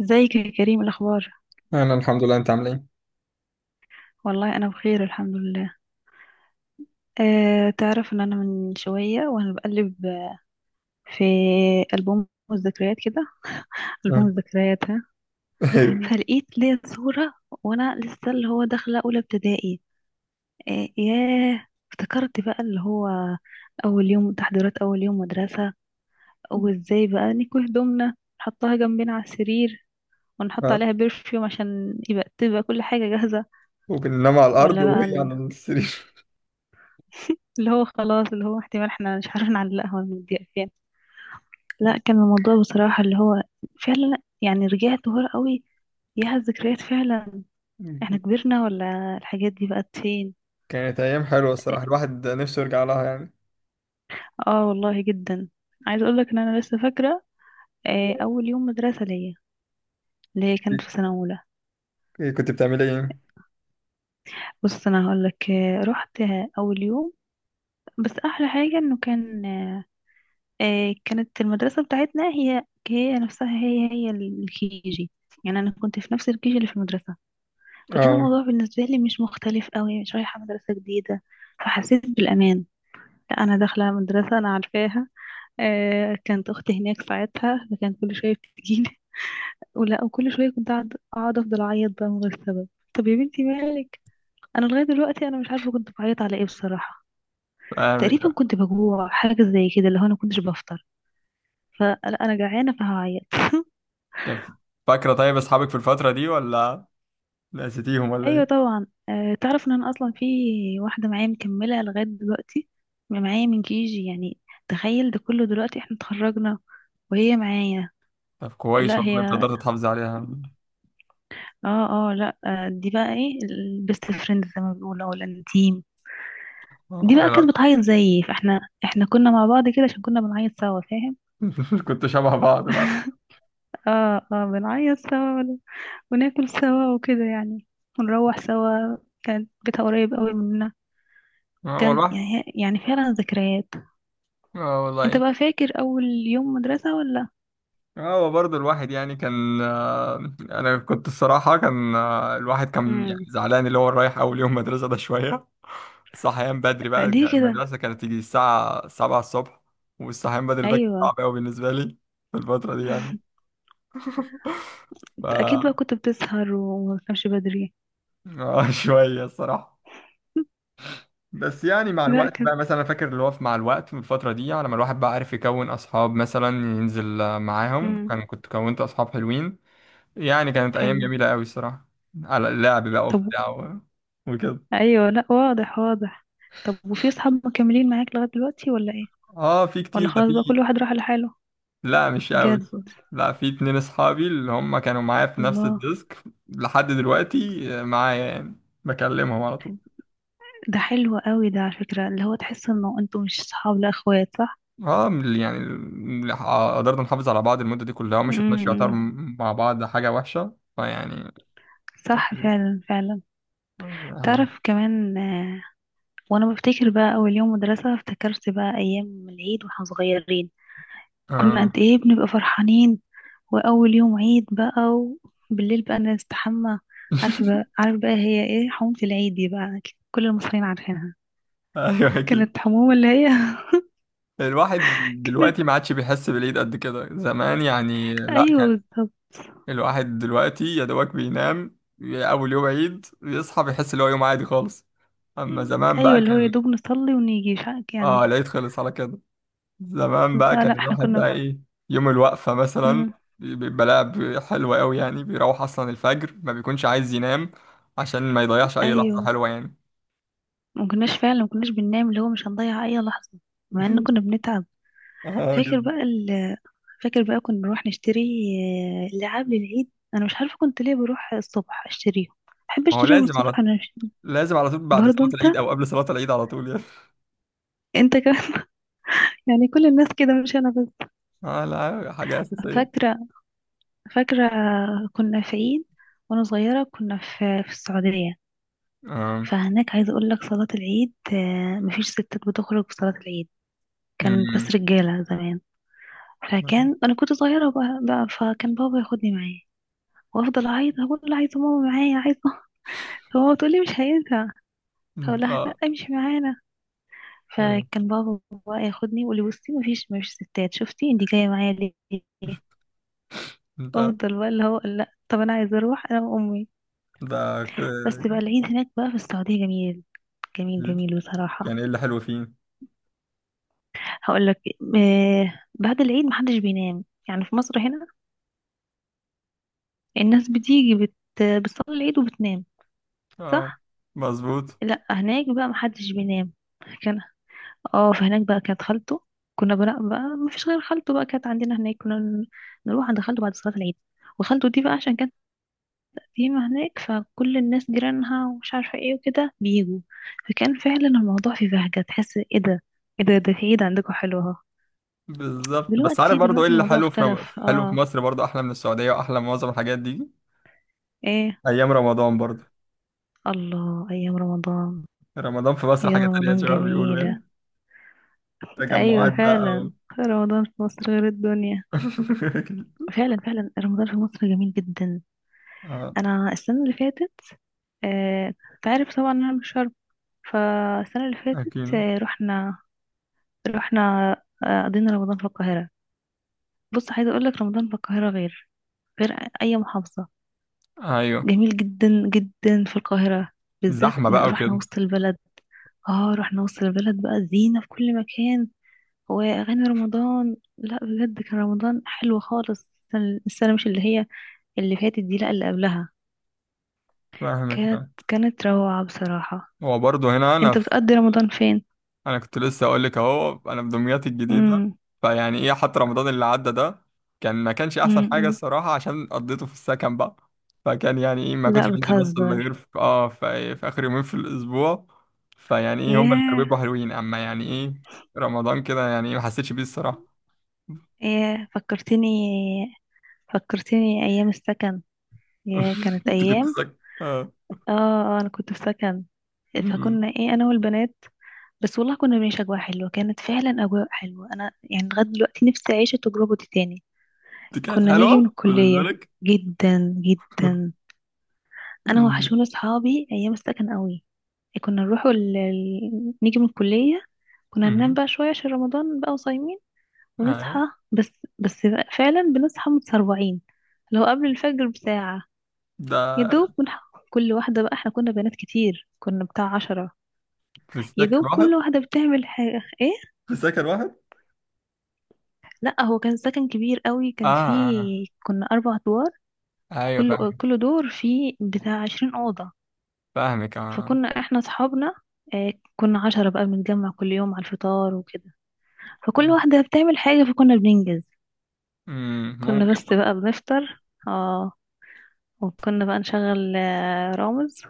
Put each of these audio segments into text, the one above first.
ازيك يا كريم الاخبار؟ انا الحمد لله، انت عامل ايه؟ والله انا بخير الحمد لله. تعرف ان انا من شويه وانا بقلب في البوم الذكريات كده، البوم آه. الذكريات ها؟ فلقيت ليا صوره وانا لسه اللي هو داخله اولى ابتدائي. ياه، افتكرت بقى اللي هو اول يوم تحضيرات، اول يوم مدرسه، وازاي بقى نكوي هدومنا، نحطها جنبنا على السرير، ونحط آه. عليها برفيوم عشان يبقى تبقى كل حاجه جاهزه، وبننام على الارض ولا وهي بقى على السرير. اللي هو خلاص اللي هو احتمال احنا مش عارفين نعلقها ولا نديها فين. لا، كان الموضوع بصراحة اللي هو فعلا يعني رجعت ورا قوي، يا الذكريات فعلا. احنا كبرنا ولا الحاجات دي بقت فين؟ كانت ايام حلوه الصراحه، اه. الواحد نفسه يرجع لها يعني. آه، والله جدا. عايز اقول لك ان انا لسه فاكرة آه، اول يوم مدرسة ليا، اللي هي كانت في سنة اولى. إيه كنت بتعمل ايه؟ بص انا هقول لك، رحت اول يوم، بس احلى حاجة انه كان كانت المدرسة بتاعتنا هي نفسها هي الكيجي. يعني أنا كنت في نفس الكيجي اللي في المدرسة، فكان اه الموضوع بالنسبة لي مش مختلف قوي، مش رايحة مدرسة جديدة، فحسيت بالأمان. لا، أنا داخلة مدرسة أنا عارفاها. آه، كانت أختي هناك ساعتها فكانت كل شوية بتجيلي. ولا وكل شوية كنت أقعد أفضل أعيط بقى من غير سبب. طب يا بنتي مالك؟ أنا لغاية دلوقتي أنا مش عارفة كنت بعيط على إيه بصراحة. فاهمك تقريبا آه. كنت بجوع، حاجة زي كده، اللي هو أنا كنتش بفطر، فلا أنا جعانة فهعيط. طب فاكرة طيب أصحابك في الفترة دي ولا نسيتيهم ولا ايوه إيه؟ طبعا، تعرف ان انا اصلا في واحده معايا مكمله لغايه دلوقتي، معايا من كيجي يعني. تخيل ده كله، دلوقتي احنا اتخرجنا وهي معايا. طب كويس لا والله إن أنت هي قدرت تحافظ عليها. اه اه لا، آه، دي بقى ايه البيست فريند زي ما بيقولوا او الانتيم. آه، دي بقى يلا. كانت بتعيط زيي، فاحنا كنا مع بعض كده عشان كنا بنعيط سوا، فاهم؟ كنت شبه بعض بقى. اه اه، بنعيط سوا، وناكل سوا وكده يعني، ونروح سوا. كانت بيتها قريب قوي مننا. آه كان والله. يعني يعني فعلا ذكريات. آه انت والله. بقى فاكر اول يوم مدرسة ولا؟ آه، هو برضه الواحد يعني كان انا كنت الصراحه كان الواحد كان يعني امم زعلان اللي هو رايح اول يوم مدرسه ده شويه. صحيان بدري بقى، ليه كده؟ المدرسه كانت تيجي الساعه 7 الصبح، والصحيان بدري ده كان ايوه. صعب قوي بالنسبه لي في الفتره دي يعني. ف انت اكيد بقى آه، كنت بتسهر وما بتنامش بدري. شويه الصراحه. بس يعني مع لا الوقت كده. بقى، مثلا أنا فاكر اللي هو مع الوقت في الفتره دي على ما الواحد بقى عارف يكون اصحاب، مثلا ينزل معاهم، امم. كان كنت كونت اصحاب حلوين يعني. كانت ايام حلو. جميله قوي الصراحه، على اللعب بقى طب. وبتاع وكده. ايوه لا واضح واضح. طب وفي اصحاب مكملين معاك لغاية دلوقتي ولا ايه؟ اه في كتير، ولا ده خلاص بقى في. كل واحد راح لحاله؟ لا مش قوي بجد؟ الصراحة. لا في اتنين اصحابي اللي هم كانوا معايا في نفس الله. الديسك لحد دلوقتي، آه، معايا يعني، بكلمهم على طول. ده حلو قوي ده، على فكرة اللي هو تحس انه انتوا مش صحاب، لا اخوات، صح؟ اه من ال- يعني ال- ح- قدرنا نحافظ على بعض المده دي كلها، وما شفناش يعتبر امم. مع بعض حاجه وحشه فيعني. صح، أكيد. فعلا فعلا. أهلا. تعرف كمان، وانا بفتكر بقى اول يوم مدرسة، افتكرت بقى ايام العيد واحنا صغيرين. كنا آه. قد ايه بنبقى فرحانين، واول يوم عيد بقى وبالليل بقى نستحمى. عارفة بقى، عارف بقى هي ايه حمومة العيد دي بقى؟ كل المصريين عارفينها. ايوه اكيد. كانت حمومة اللي هي الواحد كانت، دلوقتي ما عادش بيحس بالايد قد كده زمان يعني، لا. ايوه بالظبط. الواحد دلوقتي يا دوبك بينام أول يوم عيد، بيصحى بيحس إن هو يوم عادي خالص. أما زمان ايوه بقى اللي هو يا كان، دوب نصلي ونيجي مش عارف آه، يعني. العيد خلص على كده. زمان بقى لا كان لا احنا الواحد كنا، بقى إيه، يوم الوقفة مثلا، امم. بيبقى لعب حلو أوي يعني، بيروح أصلا الفجر ما بيكونش عايز ينام، عشان ما يضيعش أي لحظة ايوه حلوة يعني. ما كناش فعلا، ما كناش بننام اللي هو مش هنضيع اي لحظة، مع ان كنا بنتعب. اه فاكر جدا. بقى، فاكر بقى كنا نروح نشتري آه، لعاب للعيد. انا مش عارفه كنت ليه بروح الصبح اشتريهم، بحب ما هو اشتريهم لازم الصبح على، انا مش... لازم على طول بعد برضه صلاة انت، العيد أو قبل صلاة العيد على طول يعني. انت كمان؟ يعني كل الناس كده مش انا بس. اه لا، حاجة أساسية. فاكره، فاكره، كنا في عيد وانا صغيره، كنا في في السعوديه. اه. فهناك عايزه اقول لك صلاه العيد آه، مفيش ستات بتخرج في صلاه العيد، كان بس أمم. رجاله زمان. فكان انا كنت صغيره بقى, بقى، فكان بابا ياخدني معاه، وافضل اعيط اقول له عايزه ماما معايا، عايزه. هو تقول لي مش هينفع، اقول انت لها لا اه. امشي معانا. أمم. فكان بابا بقى ياخدني يقول لي بصي مفيش، مفيش ستات، شفتي انت جايه معايا ليه؟ انت افضل بقى اللي هو لا طب انا عايزه اروح انا وامي. ده ك- بس بقى العيد هناك بقى في السعوديه جميل، جميل جميل بصراحه. يعني ايه اللي حلو فيه؟ هقول لك، آه، بعد العيد محدش بينام. يعني في مصر هنا الناس بتيجي بت بتصلي العيد وبتنام، اه صح؟ مظبوط. لا هناك بقى محدش بينام. كان اه، فهناك بقى كانت خالته. كنا بقى, بقى ما فيش غير خالته بقى كانت عندنا هناك، نروح عند خالته بعد صلاة العيد. وخالته دي بقى عشان كانت قديمة هناك، فكل الناس جيرانها ومش عارفة ايه وكده بيجوا. فكان فعلا الموضوع في بهجة، تحس ايه ده، ايه ده، ده في عيد عندكم حلوة اهو. بالظبط، بس عارف دلوقتي برضه ايه دلوقتي اللي الموضوع حلو في اختلف، حلو في اه. مصر، برضه احلى من السعودية واحلى من معظم الحاجات دي. ايه؟ ايام رمضان برضه، الله، ايام رمضان. رمضان في مصر ايام حاجة تانية رمضان زي ما بيقولوا جميلة. يعني. ايوه تجمعات بقى و... فعلا، رمضان في مصر غير الدنيا. فعلا فعلا، رمضان في مصر جميل جدا. اه انا السنة اللي فاتت آه، تعرف طبعا انا مش شرم، فالسنه اللي فاتت اكيد. آه، رحنا، رحنا آه، قضينا رمضان في القاهره. بص عايزه اقول لك رمضان في القاهره غير، غير اي محافظه. ايوه جميل جدا جدا في القاهره، بالذات زحمة إن بقى رحنا وكده. وسط البلد. اه، رحنا وسط البلد بقى، زينه في كل مكان، واغاني رمضان، لا بجد كان رمضان حلو خالص. السنه، السنة مش اللي هي اللي فاتت دي، لا اللي قبلها، فاهمك كانت، بقى. كانت روعه بصراحه. هو برضه هنا انا، انت بتقضي رمضان انا كنت لسه اقول لك اهو انا في دمياط الجديده. فين؟ فيعني ايه، حتى رمضان اللي عدى ده كان، ما كانش احسن حاجه م-م. الصراحه، عشان قضيته في السكن بقى. فكان يعني ايه، ما كنتش لا بنزل مصر الا غير بتهزر. في اه في اخر يومين في الاسبوع. فيعني ايه، هم اللي كانوا ياه، بيبقوا حلوين، اما يعني ايه رمضان كده، يعني ايه ما حسيتش بيه الصراحه. ياه فكرتني، فكرتني ايام السكن. ياه كانت انت كنت ايام. ساكن؟ اه. اه، آه، انا كنت في سكن، أمم. فكنا ايه انا والبنات بس. والله كنا بنعيش اجواء حلوه، كانت فعلا اجواء حلوه. انا يعني لغايه دلوقتي نفسي اعيش التجربه دي تاني. دي كانت كنا نيجي حلوه من بالنسبه الكليه. لك. جدا جدا. انا أمم. وحشوني اصحابي ايام السكن قوي. كنا نروح نيجي من الكليه، كنا ننام أمم. بقى شويه عشان رمضان بقى وصايمين، ونصحى. آه. بس، بس، فعلا بنصحى متسرعين، لو قبل الفجر بساعة، يا ده دوب بنحقق كل واحدة بقى، احنا كنا بنات كتير، كنا بتاع عشرة. في يا السكن دوب واحد. كل واحدة بتعمل حاجة ايه. في السكن واحد. لا هو كان سكن كبير قوي، اه كان اه. فيه كنا أربع أدوار، آه. ايوه كل دور فيه بتاع عشرين أوضة. فاهمك اه. فكنا احنا أصحابنا آه، كنا عشرة بقى، بنتجمع كل يوم على الفطار وكده، فكل واحدة بتعمل حاجة فكنا بننجز. أمم، كنا ممكن. بس بقى بنفطر، اه. وكنا بقى نشغل آه، رامز.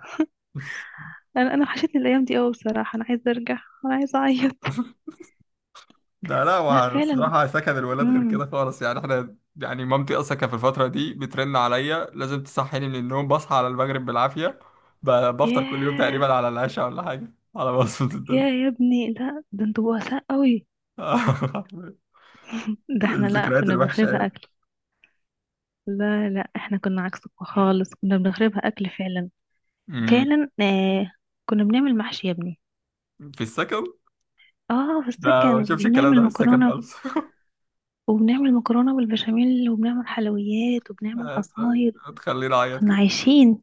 انا وحشتني الايام دي قوي بصراحه. انا عايزه ارجع، انا عايزه اعيط. ده لا، لا فعلا. والصراحة سكن الولاد غير امم. كده خالص يعني. احنا يعني مامتي اصلا كانت في الفترة دي بترن عليا لازم تصحيني من النوم، بصحى على المغرب بالعافية. ب- بفطر كل يوم ياه، تقريبا على العشاء ولا حاجة، على بصمة الدنيا. يا يا ابني، لا ده انتوا بؤساء قوي. ده احنا لا الذكريات كنا الوحشة بنخربها يعني. اكل. لا لا احنا كنا عكسك خالص، كنا بنخربها اكل فعلا، أمم، فعلا آه. كنا بنعمل محشي يا ابني. في السكن. اه في لا ما السكن، بشوفش الكلام ده وبنعمل من السكن مكرونه، خالص. وبنعمل مكرونه بالبشاميل، وبنعمل حلويات، وبنعمل عصاير. هتخليني اعيط كنا كده. عايشين،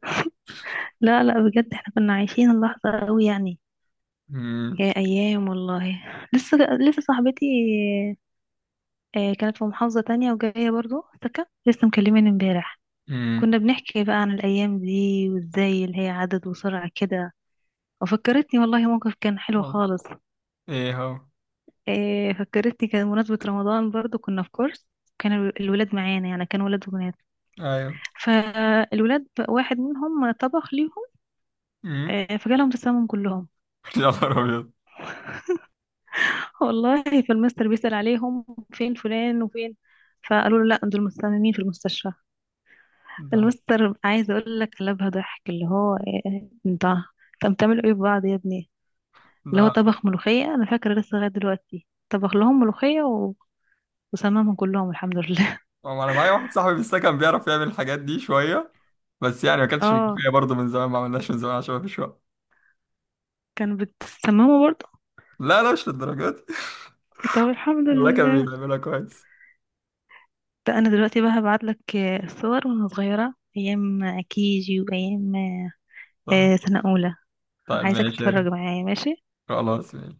لا لا بجد احنا كنا عايشين اللحظه قوي يعني. أمم، يا ايام والله. لسه صاحبتي آه، كانت في محافظة تانية وجاية برضو سكن، لسه مكلماني امبارح، أمم، كنا بنحكي بقى عن الايام دي وازاي اللي هي عدد وسرعة كده. وفكرتني والله موقف كان حلو والله. خالص. ايه هو؟ آه، فكرتني كان مناسبة رمضان برضو، كنا في كورس، كان الولاد معانا، يعني كان ولاد وبنات. ايوه. فالولاد بقى واحد منهم طبخ ليهم أمم، آه، فجالهم تسمم كلهم. يا نهار ابيض. والله فالمستر بيسأل عليهم، فين فلان وفين، فقالوا له لا دول مصممين في المستشفى. ده المستر عايز اقول لك قلبها ضحك، اللي هو إيه، انت، طب بتعملوا ايه ببعض يا ابني. اللي هو لا، طبخ ملوخية، انا فاكرة لسه لغاية دلوقتي، طبخ لهم ملوخية و... وسممهم كلهم الحمد لله. هو انا معايا واحد صاحبي في السكن بيعرف يعمل الحاجات دي شويه، بس يعني ما كانتش اه، مجدية برضه من زمان، ما عملناش من زمان عشان ما فيش وقت. كان بتسممه برضه؟ لا لا، مش للدرجات. طب الحمد والله كان لله. بيعملها كويس. ده انا دلوقتي بقى هبعت لك صور وانا صغيرة ايام كيجي، وايام صح. آه، سنة اولى. طيب عايزك ماشي يا تتفرج ريت. معايا، ماشي؟ خلاص ماشي.